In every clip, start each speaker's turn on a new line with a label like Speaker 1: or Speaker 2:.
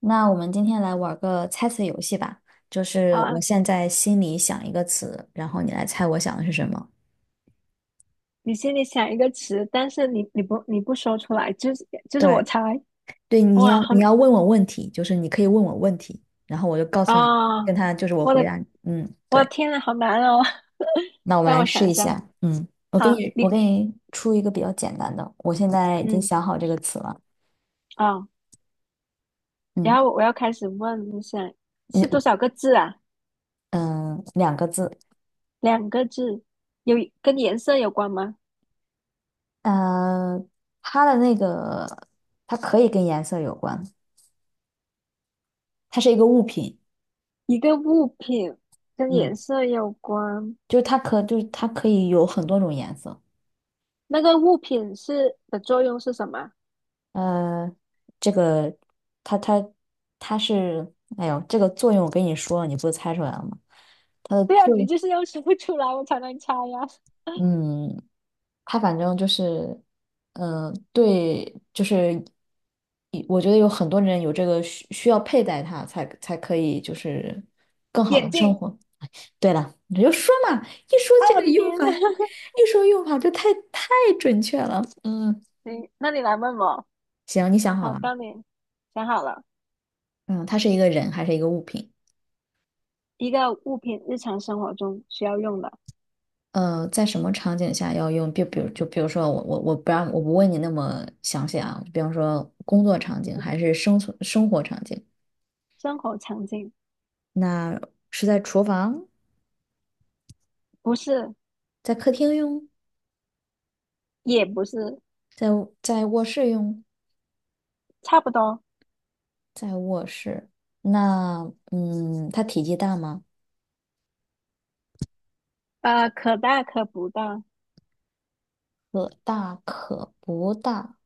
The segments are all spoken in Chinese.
Speaker 1: 那我们今天来玩个猜词游戏吧，就是我
Speaker 2: 啊，
Speaker 1: 现在心里想一个词，然后你来猜我想的是什么。
Speaker 2: 你心里想一个词，但是你不说出来，就是我
Speaker 1: 对，
Speaker 2: 猜。
Speaker 1: 对，你
Speaker 2: 哇，
Speaker 1: 要
Speaker 2: 好
Speaker 1: 你要问我问题，就是你可以问我问题，然后我就告诉你，
Speaker 2: 啊、
Speaker 1: 跟他就是我
Speaker 2: 我
Speaker 1: 回
Speaker 2: 的
Speaker 1: 答你。嗯，
Speaker 2: 我的
Speaker 1: 对。
Speaker 2: 天呐，好难哦，
Speaker 1: 那我们
Speaker 2: 让
Speaker 1: 来
Speaker 2: 我
Speaker 1: 试
Speaker 2: 想一
Speaker 1: 一
Speaker 2: 下。
Speaker 1: 下。嗯，我给
Speaker 2: 好，
Speaker 1: 你我
Speaker 2: 你
Speaker 1: 给你出一个比较简单的，我现在已经
Speaker 2: 嗯
Speaker 1: 想好这个词了。
Speaker 2: 啊，然
Speaker 1: 嗯，
Speaker 2: 后我要开始问，你想
Speaker 1: 你
Speaker 2: 是多少个字啊？
Speaker 1: 嗯，两个字。
Speaker 2: 两个字，有跟颜色有关吗？
Speaker 1: 呃，它的那个它可以跟颜色有关，它是一个物品。
Speaker 2: 一个物品跟颜
Speaker 1: 嗯。
Speaker 2: 色有关，
Speaker 1: 就是它可以有很多种颜色。
Speaker 2: 那个物品是的作用是什么？
Speaker 1: 呃，这个它它它是，哎呦，这个作用我跟你说了，你不是猜出来了吗？它的
Speaker 2: 对啊，
Speaker 1: 作
Speaker 2: 你
Speaker 1: 用，
Speaker 2: 就是要说不出来，我才能猜呀、
Speaker 1: 嗯，它反正就是，对，就是我觉得有很多人有这个需要佩戴它才可以，就是更 好
Speaker 2: 眼
Speaker 1: 的生
Speaker 2: 镜。
Speaker 1: 活。对了，你就说嘛，一说
Speaker 2: 啊，
Speaker 1: 这
Speaker 2: 我
Speaker 1: 个
Speaker 2: 的
Speaker 1: 用
Speaker 2: 天
Speaker 1: 法，
Speaker 2: 呐！
Speaker 1: 一说用法就太准确了。嗯，
Speaker 2: 行，那你来问我。
Speaker 1: 行，你想好
Speaker 2: 好，
Speaker 1: 了。
Speaker 2: 当你。想好了，
Speaker 1: 嗯，它是一个人还是一个物品？
Speaker 2: 一个物品日常生活中需要用的
Speaker 1: 在什么场景下要用？比如，就比如说我不问你那么详细啊，比方说工作场景还是生存生活场景？
Speaker 2: 生活场景，
Speaker 1: 那是在厨房，
Speaker 2: 不是，
Speaker 1: 在客厅用，
Speaker 2: 也不是，
Speaker 1: 在在卧室用，
Speaker 2: 差不多。
Speaker 1: 在卧室。那它体积大吗？
Speaker 2: 可大可不大，
Speaker 1: 可大可不大。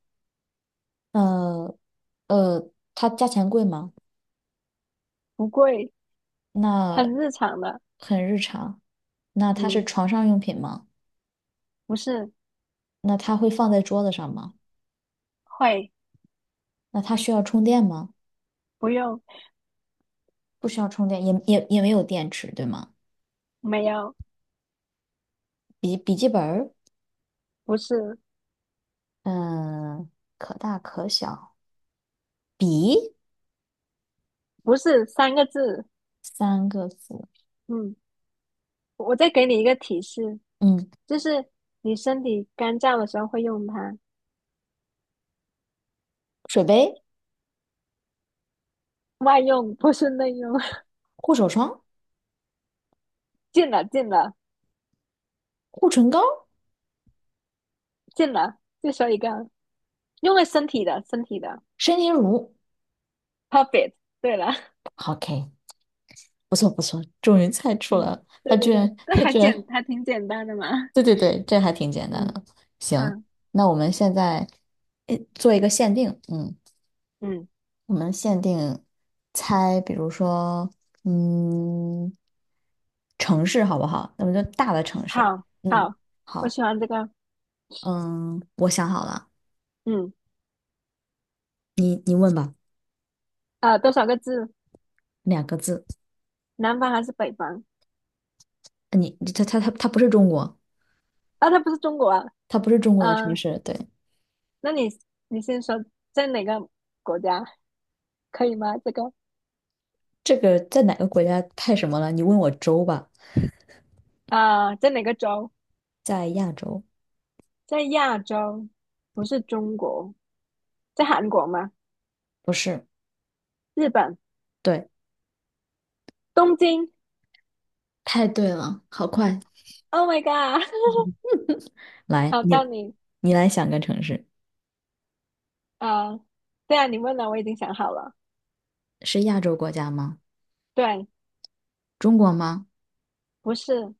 Speaker 1: 呃呃，它价钱贵吗？
Speaker 2: 不贵，
Speaker 1: 那
Speaker 2: 很日常的。
Speaker 1: 很日常。那它是
Speaker 2: 嗯，
Speaker 1: 床上用品吗？
Speaker 2: 不是，
Speaker 1: 那它会放在桌子上吗？
Speaker 2: 会，
Speaker 1: 那它需要充电吗？
Speaker 2: 不用，
Speaker 1: 不需要充电，也没有电池，对吗？
Speaker 2: 没有，
Speaker 1: 笔记本儿，
Speaker 2: 不是，
Speaker 1: 嗯，可大可小，笔，
Speaker 2: 不是三个字。嗯，我再给你一个提示，
Speaker 1: 嗯，
Speaker 2: 就是你身体干燥的时候会用它，
Speaker 1: 水杯，
Speaker 2: 外用不是内用。
Speaker 1: 护手霜，
Speaker 2: 进了，进了，
Speaker 1: 护唇膏，
Speaker 2: 进了，就说一个。用在身体的，身体的
Speaker 1: 身体乳。
Speaker 2: ，perfect。对了，
Speaker 1: OK，不错不错，终于猜出来
Speaker 2: 嗯，
Speaker 1: 了。他
Speaker 2: 对对
Speaker 1: 居
Speaker 2: 对，
Speaker 1: 然，
Speaker 2: 这
Speaker 1: 他
Speaker 2: 还
Speaker 1: 居
Speaker 2: 简
Speaker 1: 然，
Speaker 2: 还挺简单的嘛。
Speaker 1: 对对对，这还挺简单
Speaker 2: 嗯
Speaker 1: 的。行，
Speaker 2: 嗯
Speaker 1: 那我们现在做一个限定，嗯。
Speaker 2: 嗯，
Speaker 1: 我们限定猜，比如说，嗯，城市好不好？那么就大的城市。
Speaker 2: 好
Speaker 1: 嗯，
Speaker 2: 好，我
Speaker 1: 好，
Speaker 2: 喜欢这个。
Speaker 1: 嗯，我想好了，
Speaker 2: 嗯
Speaker 1: 你问吧，
Speaker 2: 啊、多少个字？
Speaker 1: 两个字。
Speaker 2: 南方还是北方？
Speaker 1: 它不是中国，
Speaker 2: 啊，它不是中国啊。
Speaker 1: 它不是中国的城
Speaker 2: 嗯、
Speaker 1: 市。对，
Speaker 2: 那你你先说在哪个国家可以吗？这个
Speaker 1: 这个在哪个国家太什么了？你问我州吧，
Speaker 2: 啊、在哪个州？
Speaker 1: 在亚洲，
Speaker 2: 在亚洲，不是中国，在韩国吗？
Speaker 1: 不是。
Speaker 2: 日本，
Speaker 1: 对，
Speaker 2: 东京。
Speaker 1: 太对了，好快。
Speaker 2: Oh my god!
Speaker 1: 来，
Speaker 2: 好，到
Speaker 1: 你
Speaker 2: 你。
Speaker 1: 你来想个城市，
Speaker 2: 啊，对啊，你问了，我已经想好了。
Speaker 1: 是亚洲国家吗？
Speaker 2: 对，
Speaker 1: 中国吗？
Speaker 2: 不是，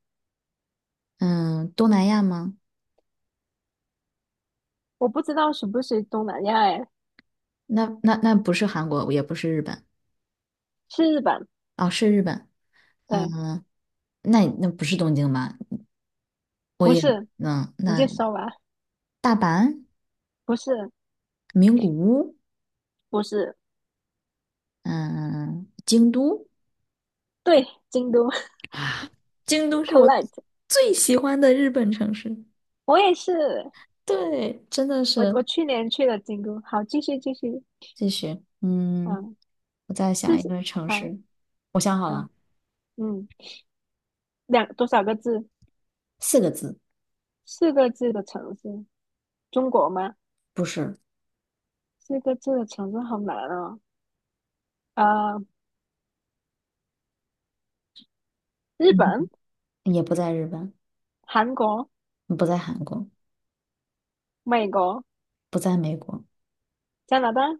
Speaker 1: 嗯，东南亚吗？
Speaker 2: 我不知道是不是东南亚，哎，
Speaker 1: 那不是韩国，也不是日本，
Speaker 2: 是日本。
Speaker 1: 哦，是日本，
Speaker 2: 对，
Speaker 1: 嗯，那不是东京吧？我
Speaker 2: 不
Speaker 1: 也，
Speaker 2: 是，
Speaker 1: 嗯，
Speaker 2: 你就
Speaker 1: 那
Speaker 2: 说吧。
Speaker 1: 大阪、
Speaker 2: 不是，
Speaker 1: 名古屋，
Speaker 2: 不是，
Speaker 1: 嗯，京都，
Speaker 2: 对，京都
Speaker 1: 啊，京都是我
Speaker 2: ，collect。
Speaker 1: 最喜欢的日本城市。
Speaker 2: 我也是，
Speaker 1: 对，真的
Speaker 2: 我
Speaker 1: 是。
Speaker 2: 我去年去了京都。好，继续继续。
Speaker 1: 继续，
Speaker 2: 嗯，
Speaker 1: 我再想
Speaker 2: 四
Speaker 1: 一
Speaker 2: 十，
Speaker 1: 个城
Speaker 2: 好，
Speaker 1: 市，我想好了，
Speaker 2: 嗯嗯，两多少个字？
Speaker 1: 四个字，
Speaker 2: 四个字的城市，中国吗？
Speaker 1: 不是，
Speaker 2: 四个字的城市好难哦。呃，日
Speaker 1: 嗯，
Speaker 2: 本、
Speaker 1: 也不在日本，
Speaker 2: 韩国、
Speaker 1: 不在韩国，
Speaker 2: 美国、
Speaker 1: 不在美国，
Speaker 2: 加拿大。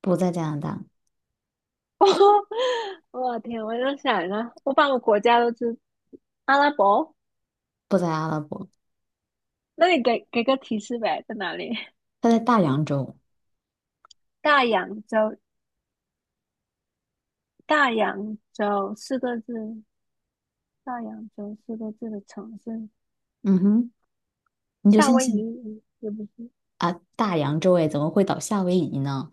Speaker 1: 不在加拿大，
Speaker 2: 我的天！我就想一下，我把个国家都知阿拉伯，
Speaker 1: 不在阿拉伯。
Speaker 2: 那你给给个提示呗，在哪里？
Speaker 1: 它在大洋洲，
Speaker 2: 大洋洲，大洋洲四个字，大洋洲四个字的城市，
Speaker 1: 嗯哼，你就
Speaker 2: 夏
Speaker 1: 相
Speaker 2: 威
Speaker 1: 信
Speaker 2: 夷也不是。
Speaker 1: 啊，大洋洲哎，怎么会倒夏威夷呢？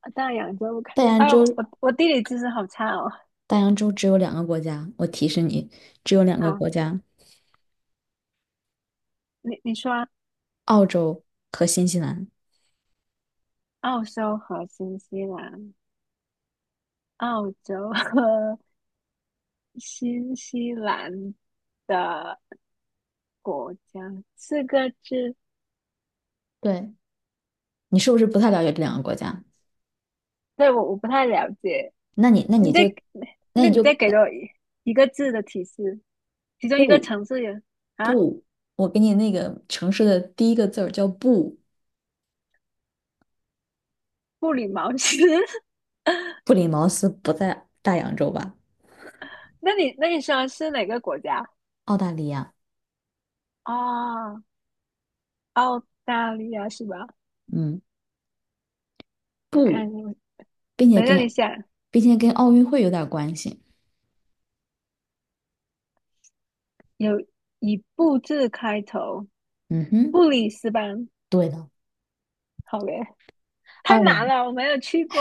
Speaker 2: 啊，大洋洲，我看
Speaker 1: 大
Speaker 2: 一下，
Speaker 1: 洋
Speaker 2: 哎呦，
Speaker 1: 洲，
Speaker 2: 我地理知识好差哦。
Speaker 1: 大洋洲只有两个国家，我提示你，只有两个
Speaker 2: 好，
Speaker 1: 国家，
Speaker 2: 你你说啊
Speaker 1: 澳洲和新西兰。
Speaker 2: 澳洲和新西兰，澳洲和 新西兰的国家，四个字
Speaker 1: 对，你是不是不太了解这两个国家？
Speaker 2: 对，我不太了解。
Speaker 1: 那你那
Speaker 2: 你
Speaker 1: 你
Speaker 2: 再，
Speaker 1: 就，那
Speaker 2: 那
Speaker 1: 你
Speaker 2: 你
Speaker 1: 就
Speaker 2: 再给我一个字的提示，其中一个
Speaker 1: 不
Speaker 2: 城市有啊，
Speaker 1: 不，我给你那个城市的第一个字儿叫不，
Speaker 2: 布里茅斯。
Speaker 1: 布里茅斯不在大洋洲吧？
Speaker 2: 那你那你说是哪个国家？
Speaker 1: 澳大利亚，
Speaker 2: 哦，澳大利亚是吧？
Speaker 1: 嗯，
Speaker 2: 我看
Speaker 1: 不，
Speaker 2: 一下，
Speaker 1: 并且
Speaker 2: 等一下，你
Speaker 1: 跟
Speaker 2: 想
Speaker 1: 并且跟奥运会有点关系。
Speaker 2: 有以布字开头，
Speaker 1: 嗯哼。
Speaker 2: 布里斯班。
Speaker 1: 对的，
Speaker 2: 好嘞，
Speaker 1: 二
Speaker 2: 太难
Speaker 1: 零
Speaker 2: 了，我没有去过，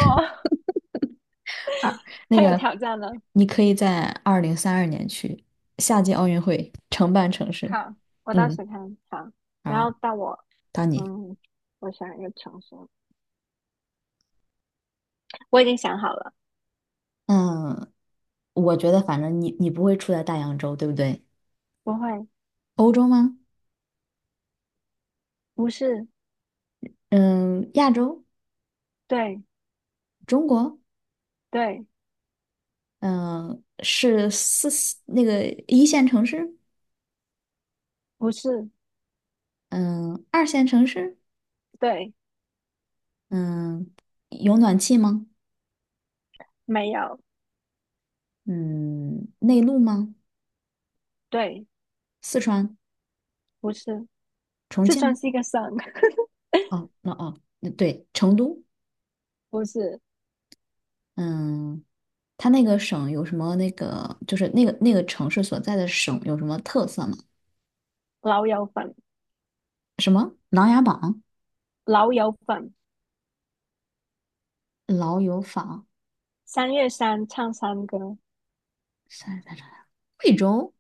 Speaker 1: 二 那
Speaker 2: 太有
Speaker 1: 个，
Speaker 2: 挑战了。
Speaker 1: 你可以在2032年去夏季奥运会承办城市。
Speaker 2: 好，我到
Speaker 1: 嗯，
Speaker 2: 时看？好，然后
Speaker 1: 好，
Speaker 2: 到我，
Speaker 1: 到你。
Speaker 2: 嗯，我想一个城市，我已经想好了，
Speaker 1: 嗯，我觉得反正你不会出在大洋洲，对不对？
Speaker 2: 不会。
Speaker 1: 欧洲吗？
Speaker 2: 不是，
Speaker 1: 嗯，亚洲，
Speaker 2: 对
Speaker 1: 中国，
Speaker 2: 对，
Speaker 1: 嗯，是四四那个一线城市，
Speaker 2: 不是，
Speaker 1: 嗯，二线城市，
Speaker 2: 对，
Speaker 1: 嗯，有暖气吗？
Speaker 2: 没有，
Speaker 1: 嗯，内陆吗？
Speaker 2: 对，
Speaker 1: 四川、
Speaker 2: 不是，
Speaker 1: 重
Speaker 2: 四川
Speaker 1: 庆？
Speaker 2: 是一个省，
Speaker 1: 那对，成都。
Speaker 2: 不是，
Speaker 1: 嗯，它那个省有什么那个，就是那个城市所在的省有什么特色吗？
Speaker 2: 老友粉，
Speaker 1: 什么琅琊榜、
Speaker 2: 老友粉，
Speaker 1: 老友坊、
Speaker 2: 三月三唱山歌，
Speaker 1: 33长沙、贵州、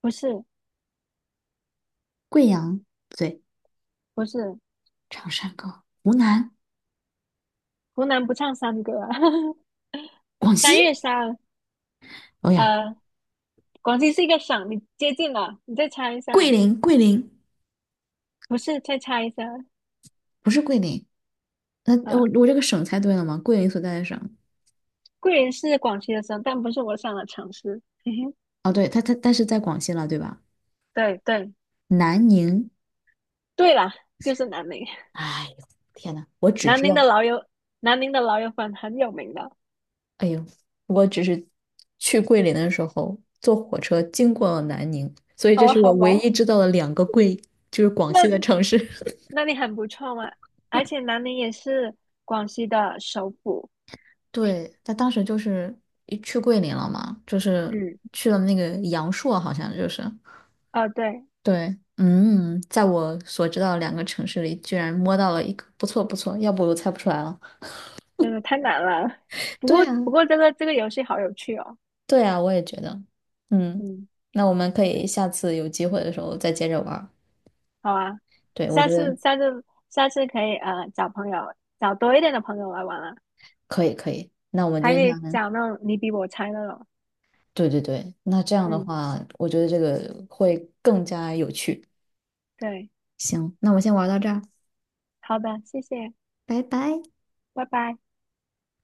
Speaker 2: 不是，
Speaker 1: 贵阳，对，
Speaker 2: 不是，
Speaker 1: 长山高、湖南、
Speaker 2: 湖南不唱山歌啊
Speaker 1: 广西，
Speaker 2: 三月三，
Speaker 1: 哦呀，
Speaker 2: 呃，广西是一个省，你接近了，你再猜一下，
Speaker 1: 桂林
Speaker 2: 不是，再猜一下，
Speaker 1: 不是桂林，那我
Speaker 2: 啊、
Speaker 1: 我这个省猜对了吗？桂林所在的省，
Speaker 2: 桂林是广西的省，但不是我上的城市，嘿嘿，
Speaker 1: 哦，对，它但是在广西了，对吧？
Speaker 2: 对对
Speaker 1: 南宁，
Speaker 2: 对啦，就是南宁，
Speaker 1: 哎呦，天呐，我只
Speaker 2: 南
Speaker 1: 知
Speaker 2: 宁的
Speaker 1: 道。
Speaker 2: 老友，南宁的老友粉很有名的。
Speaker 1: 哎呦，我只是去桂林的时候坐火车经过了南宁，所以这
Speaker 2: 哦，
Speaker 1: 是
Speaker 2: 好
Speaker 1: 我
Speaker 2: 吧，
Speaker 1: 唯一知道的两个就是广西的
Speaker 2: 那
Speaker 1: 城市。
Speaker 2: 那你很不错嘛。而且南宁也是广西的首府。
Speaker 1: 对，他当时就是一去桂林了嘛，就是
Speaker 2: 嗯，
Speaker 1: 去了那个阳朔，好像就是
Speaker 2: 哦，对，
Speaker 1: 对，在我所知道的两个城市里，居然摸到了一个不错不错，要不我猜不出来了。
Speaker 2: 真的太难了。不
Speaker 1: 对
Speaker 2: 过
Speaker 1: 啊，
Speaker 2: 不过这个游戏好有趣哦。
Speaker 1: 对啊，我也觉得，嗯，
Speaker 2: 嗯，
Speaker 1: 那我们可以下次有机会的时候再接着玩儿
Speaker 2: 好啊，
Speaker 1: 对，我
Speaker 2: 下
Speaker 1: 觉得
Speaker 2: 次下次下次可以找朋友，找多一点的朋友来玩啊，
Speaker 1: 可以可以，那我们今
Speaker 2: 还可
Speaker 1: 天
Speaker 2: 以
Speaker 1: 下班。
Speaker 2: 找那种你比我猜那种。
Speaker 1: 对对对，那这样的
Speaker 2: 嗯，
Speaker 1: 话，我觉得这个会更加有趣。
Speaker 2: 对，
Speaker 1: 行，那我们先玩到这儿，
Speaker 2: 好的，谢谢，
Speaker 1: 拜拜。
Speaker 2: 拜拜。